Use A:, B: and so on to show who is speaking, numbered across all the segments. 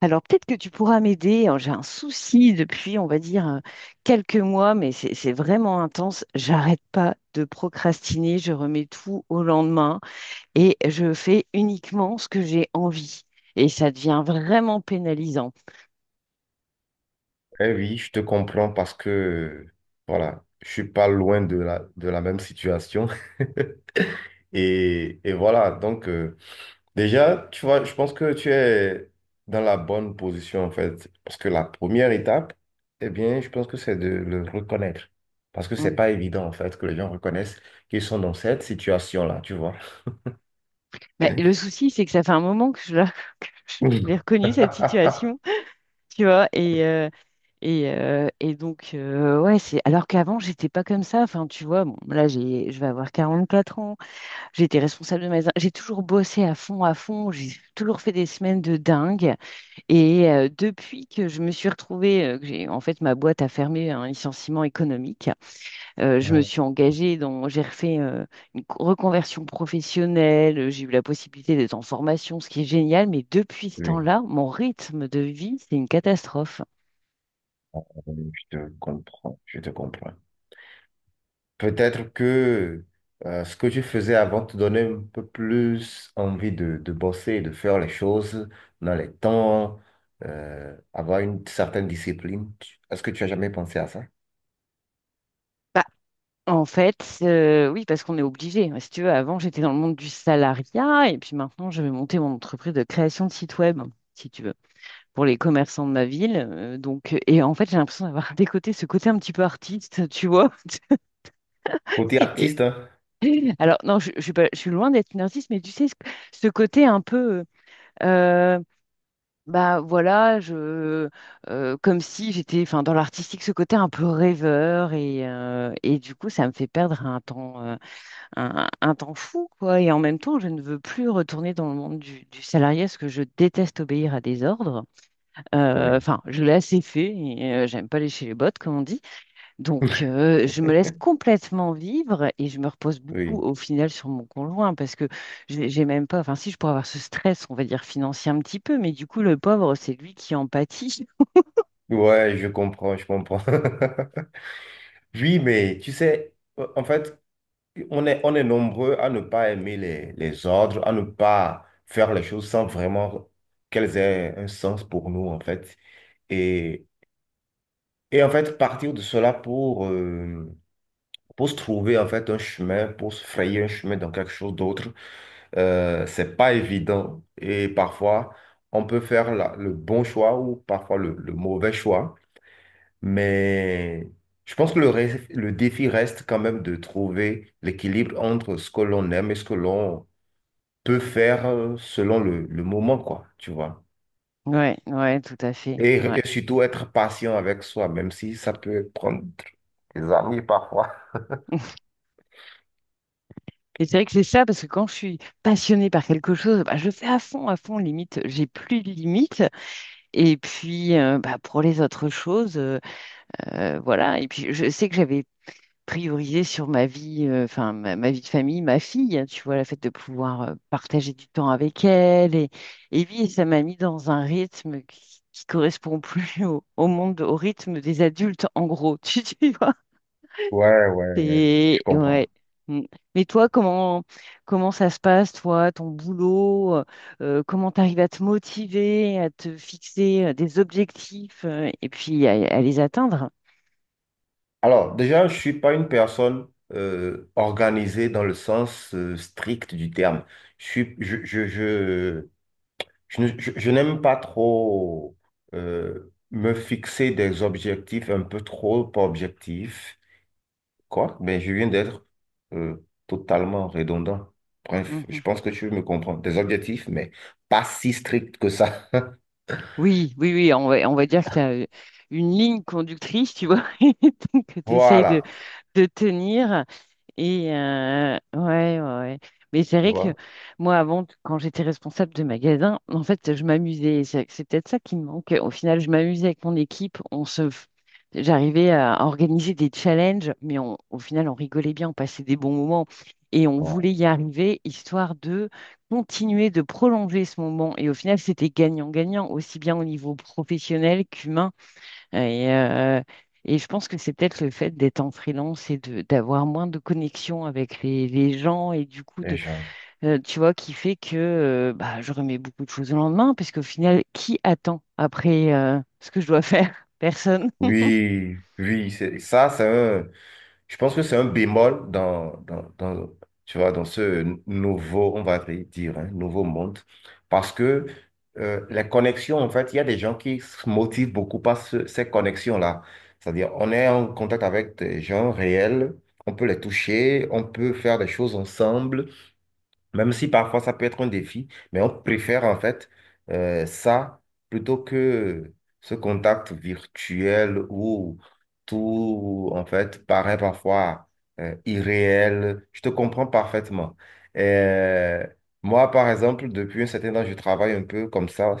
A: Alors peut-être que tu pourras m'aider. Alors, j'ai un souci depuis, on va dire, quelques mois, mais c'est vraiment intense. J'arrête pas de procrastiner. Je remets tout au lendemain et je fais uniquement ce que j'ai envie. Et ça devient vraiment pénalisant.
B: Eh oui, je te comprends parce que, voilà, je suis pas loin de la même situation. Et voilà, déjà, tu vois, je pense que tu es dans la bonne position, en fait. Parce que la première étape, eh bien, je pense que c'est de le reconnaître. Parce que c'est
A: Mm.
B: pas évident, en fait, que les gens reconnaissent qu'ils sont dans cette situation-là, tu vois.
A: Mais le souci, c'est que ça fait un moment que je l'ai reconnu, cette situation, tu vois. Et donc, ouais, c'est. Alors qu'avant, j'étais pas comme ça. Enfin, tu vois, bon, là, je vais avoir 44 ans. J'étais responsable de magasin. J'ai toujours bossé à fond, à fond. J'ai toujours fait des semaines de dingue. Et depuis que je me suis retrouvée, en fait, ma boîte a fermé un licenciement économique, je me suis engagée dans, j'ai refait une reconversion professionnelle. J'ai eu la possibilité d'être en formation, ce qui est génial. Mais depuis ce
B: Oui,
A: temps-là, mon rythme de vie, c'est une catastrophe.
B: Oui, je te comprends, je te comprends. Peut-être que ce que tu faisais avant te donnait un peu plus envie de bosser, de faire les choses dans les temps, avoir une certaine discipline. Est-ce que tu as jamais pensé à ça?
A: Bah, en fait, oui, parce qu'on est obligé. Si tu veux, avant, j'étais dans le monde du salariat et puis maintenant, je vais monter mon entreprise de création de site web, si tu veux, pour les commerçants de ma ville. Donc, et en fait, j'ai l'impression d'avoir décoté ce côté un petit peu artiste, tu vois.
B: Côté
A: Et-
B: artiste, hein?
A: alors, non, je suis pas, je suis loin d'être une artiste, mais tu sais, ce côté un peu, euh, bah voilà, je, comme si j'étais, enfin, dans l'artistique, ce côté un peu rêveur et du coup, ça me fait perdre un temps. Un temps fou, quoi. Et en même temps, je ne veux plus retourner dans le monde du salarié parce que je déteste obéir à des ordres.
B: Oui.
A: Enfin, je l'ai assez fait et j'aime pas lécher les bottes, comme on dit. Donc, je me laisse complètement vivre et je me repose beaucoup
B: Oui.
A: au final sur mon conjoint parce que j'ai même pas, enfin, si je pourrais avoir ce stress, on va dire financier un petit peu, mais du coup, le pauvre, c'est lui qui en pâtit.
B: Ouais, je comprends, je comprends. Oui, mais tu sais, en fait, on est nombreux à ne pas aimer les ordres, à ne pas faire les choses sans vraiment qu'elles aient un sens pour nous, en fait. Et Et en fait, partir de cela pour se trouver en fait un chemin, pour se frayer un chemin dans quelque chose d'autre, c'est pas évident. Et parfois, on peut faire le bon choix ou parfois le mauvais choix. Mais je pense que le défi reste quand même de trouver l'équilibre entre ce que l'on aime et ce que l'on peut faire selon le moment, quoi, tu vois.
A: Ouais, ouais, tout à fait. Ouais.
B: Et surtout être patient avec soi, même si ça peut prendre des années parfois.
A: Et c'est vrai que c'est ça, parce que quand je suis passionnée par quelque chose, bah, je fais à fond, limite, j'ai plus de limites. Et puis, bah, pour les autres choses, voilà. Et puis, je sais que j'avais priorisé sur ma vie, enfin, ma vie de famille, ma fille, hein, tu vois, le fait de pouvoir partager du temps avec elle. Et puis, ça m'a mis dans un rythme qui correspond plus au monde, au rythme des adultes, en gros, tu vois.
B: Ouais, ouais, ouais,
A: C'est
B: je comprends.
A: ouais. Mm. Mais toi, comment ça se passe, toi, ton boulot, comment t'arrives à te motiver, à te fixer des objectifs et puis à les atteindre?
B: Alors, déjà, je suis pas une personne organisée dans le sens strict du terme. Je suis, je, ne- je n'aime pas trop me fixer des objectifs un peu trop objectifs, quoi, mais je viens d'être euh, totalement redondant. Bref, je
A: Mhm.
B: pense que tu me comprends. Des objectifs, mais pas si stricts que ça.
A: Oui, oui, oui, on va dire que tu as une ligne conductrice, tu vois, que tu essayes de,
B: Voilà,
A: de tenir. Et ouais, ouais, ouais. Mais c'est
B: tu
A: vrai que
B: vois.
A: moi, avant, quand j'étais responsable de magasin, en fait, je m'amusais. C'est peut-être ça qui me manque. Au final, je m'amusais avec mon équipe. J'arrivais à organiser des challenges, mais au final, on rigolait bien, on passait des bons moments et on
B: Voilà,
A: voulait y arriver, histoire de continuer de prolonger ce moment. Et au final, c'était gagnant-gagnant, aussi bien au niveau professionnel qu'humain. Et, euh, et je pense que c'est peut-être le fait d'être en freelance et de d'avoir moins de connexion avec les gens et du coup
B: les
A: de
B: gens.
A: tu vois qui fait que bah, je remets beaucoup de choses au lendemain parce qu'au final qui attend après ce que je dois faire? Personne.
B: Oui, oui, c'est ça, c'est un, je pense que c'est un bémol tu vois, dans ce nouveau, on va dire, hein, nouveau monde, parce que les connexions, en fait, il y a des gens qui se motivent beaucoup par ces connexions-là. C'est-à-dire, on est en contact avec des gens réels, on peut les toucher, on peut faire des choses ensemble. Même si parfois ça peut être un défi, mais on préfère en fait ça plutôt que ce contact virtuel où tout en fait paraît parfois irréel. Je te comprends parfaitement. Euh, Moi, par exemple, depuis un certain temps, je travaille un peu comme ça.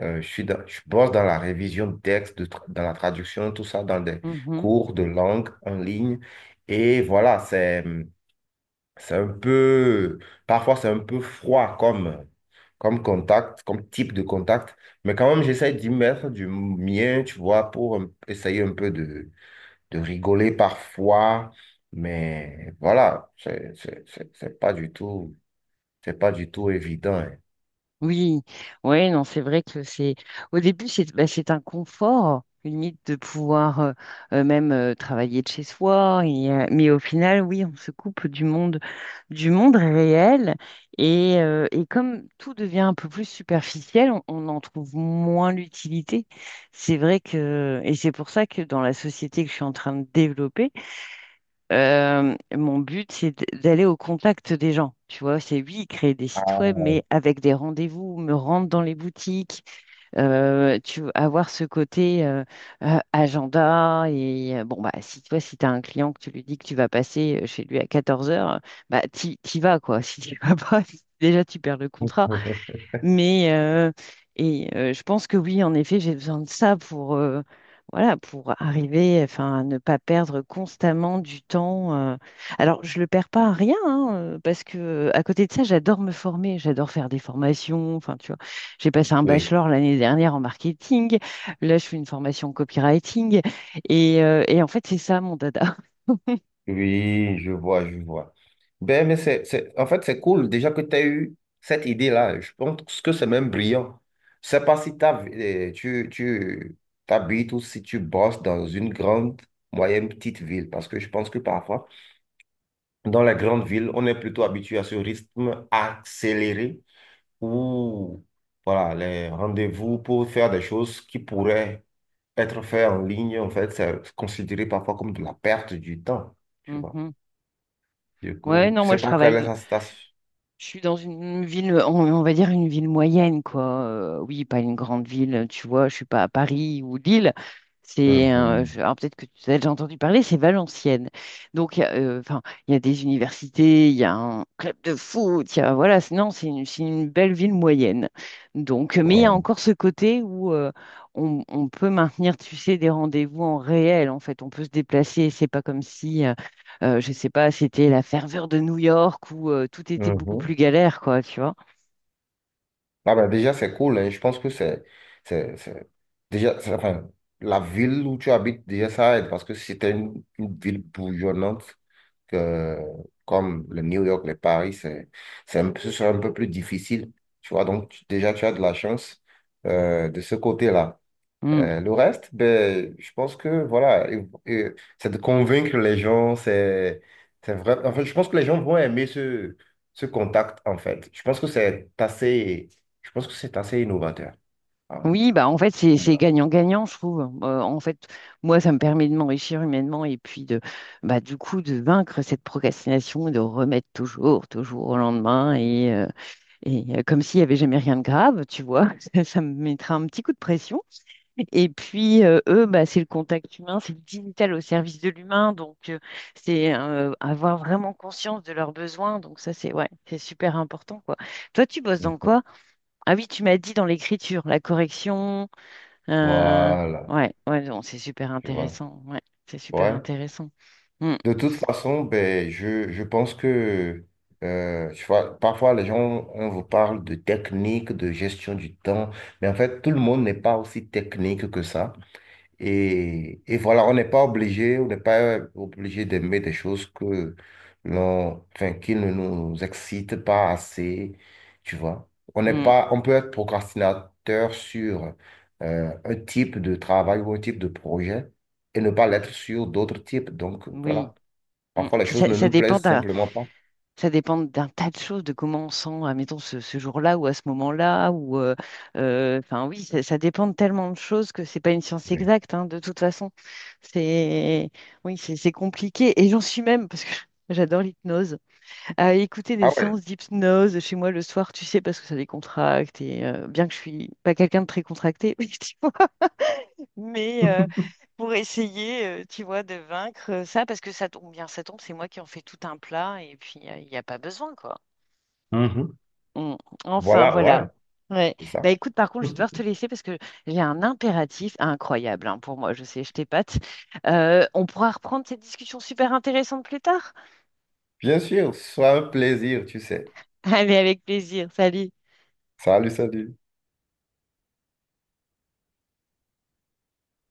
B: Je bosse dans la révision de textes, dans la traduction, tout ça, dans des cours de langue en ligne. Et voilà, c'est... C'est un peu, parfois c'est un peu froid comme, comme contact, comme type de contact, mais quand même j'essaie d'y mettre du mien, tu vois, pour essayer un peu de rigoler parfois, mais voilà, c'est pas du tout, c'est pas du tout évident, hein.
A: Oui, ouais, non, c'est vrai que c'est au début c'est bah, c'est un confort limite de pouvoir même travailler de chez soi mais au final oui on se coupe du monde réel et comme tout devient un peu plus superficiel on en trouve moins l'utilité c'est vrai que et c'est pour ça que dans la société que je suis en train de développer mon but, c'est d'aller au contact des gens. Tu vois, c'est oui, créer des sites web,
B: Ah,
A: mais avec des rendez-vous, me rendre dans les boutiques, tu vois, avoir ce côté agenda. Et bon, bah, si toi, si tu as un client que tu lui dis que tu vas passer chez lui à 14 heures, bah, t'y vas, quoi. Si tu vas pas, déjà, tu perds le contrat. Mais je pense que oui, en effet, j'ai besoin de ça pour voilà, pour arriver, enfin, à ne pas perdre constamment du temps. Alors, je le perds pas à rien, hein, parce que à côté de ça, j'adore me former, j'adore faire des formations. Enfin, tu vois, j'ai passé un
B: oui.
A: bachelor l'année dernière en marketing. Là, je fais une formation en copywriting. Et en fait, c'est ça mon dada.
B: Oui, je vois, je vois. Ben, mais c'est, en fait, c'est cool déjà que tu as eu cette idée-là. Je pense que c'est même brillant. Je sais pas si tu t'habites ou si tu bosses dans une grande, moyenne, petite ville, parce que je pense que parfois, dans les grandes villes, on est plutôt habitué à ce rythme accéléré où, voilà, les rendez-vous pour faire des choses qui pourraient être faites en ligne, en fait, c'est considéré parfois comme de la perte du temps, tu vois.
A: Mhm.
B: Du
A: Ouais,
B: coup,
A: non,
B: je
A: moi,
B: sais
A: je
B: pas quelle est
A: travaille.
B: sa station.
A: Je suis dans une ville, on va dire une ville moyenne, quoi. Oui, pas une grande ville, tu vois. Je suis pas à Paris ou Lille.
B: Mhm.
A: Alors peut-être que tu as déjà entendu parler, c'est Valenciennes. Donc, enfin, il y a des universités, il y a un club de foot, il y a, voilà. Non, c'est une, belle ville moyenne. Donc, mais il y a
B: Ouais.
A: encore ce côté où on peut maintenir, tu sais, des rendez-vous en réel. En fait, on peut se déplacer. C'est pas comme si je sais pas, c'était la ferveur de New York où tout était beaucoup plus
B: Mhm.
A: galère, quoi, tu vois.
B: Ah ben déjà, c'est cool, hein. Je pense que c'est, c'est- enfin, la ville où tu habites, déjà, ça aide parce que si t'es une ville bourgeonnante que, comme le New York, le Paris, c'est un peu, ce serait un peu plus difficile. Tu vois, donc, déjà, tu as de la chance de ce côté-là.
A: Mm.
B: Le reste, ben, je pense que voilà, et c'est de convaincre les gens, c'est vrai. En fait, je pense que les gens vont aimer ce contact, en fait. Je pense que c'est assez innovateur, hein,
A: Oui, bah en fait, c'est
B: à mon
A: c'est
B: avis.
A: gagnant-gagnant, je trouve. En fait, moi, ça me permet de m'enrichir humainement et puis de, bah, du coup, de vaincre cette procrastination et de remettre toujours, toujours au lendemain et comme s'il n'y avait jamais rien de grave, tu vois. Ça me mettra un petit coup de pression. Et puis, eux, bah, c'est le contact humain, c'est le digital au service de l'humain. Donc, c'est avoir vraiment conscience de leurs besoins. Donc, ça, c'est ouais, c'est super important, quoi. Toi, tu bosses dans quoi? Ah oui, tu m'as dit dans l'écriture, la correction. euh,
B: Voilà,
A: ouais, ouais, non, c'est super
B: tu vois.
A: intéressant. Ouais, c'est super
B: Ouais.
A: intéressant. Mm,
B: De toute façon, ben, je pense que tu vois, parfois les gens, on vous parle de technique, de gestion du temps, mais en fait, tout le monde n'est pas aussi technique que ça. Et voilà, on n'est pas obligé, on n'est pas obligé d'aimer des choses que l'on, enfin, qui ne nous excitent pas assez, tu vois. On n'est
A: mm,
B: pas, on peut être procrastinateur sur un type de travail ou un type de projet et ne pas l'être sur d'autres types. Donc
A: oui.
B: voilà,
A: Mm.
B: parfois les
A: Puis,
B: choses
A: ça,
B: ne
A: ça
B: nous
A: dépend.
B: plaisent simplement pas.
A: Ça dépend d'un tas de choses, de comment on sent, admettons, ce jour-là ou à ce moment-là. Enfin, oui, ça dépend de tellement de choses que c'est pas une science
B: Oui.
A: exacte, hein, de toute façon. C'est, oui, c'est compliqué. Et j'en suis même, parce que j'adore l'hypnose, à écouter des
B: Ah ouais,
A: séances d'hypnose chez moi le soir, tu sais, parce que ça décontracte. Et bien que je suis pas quelqu'un de très contracté, oui, tu vois, mais pour essayer, tu vois, de vaincre ça, parce que ça tombe bien, ça tombe, c'est moi qui en fais tout un plat, et puis il n'y a pas besoin, quoi.
B: mhm,
A: Mm. Enfin,
B: voilà,
A: voilà.
B: ouais,
A: Ouais.
B: c'est
A: Bah
B: ça.
A: écoute, par contre, je vais devoir te laisser parce que j'ai un impératif incroyable, hein, pour moi. Je sais, je t'épate. On pourra reprendre cette discussion super intéressante plus tard.
B: Bien sûr, ce sera un plaisir, tu sais.
A: Allez, avec plaisir. Salut.
B: Salut, salut.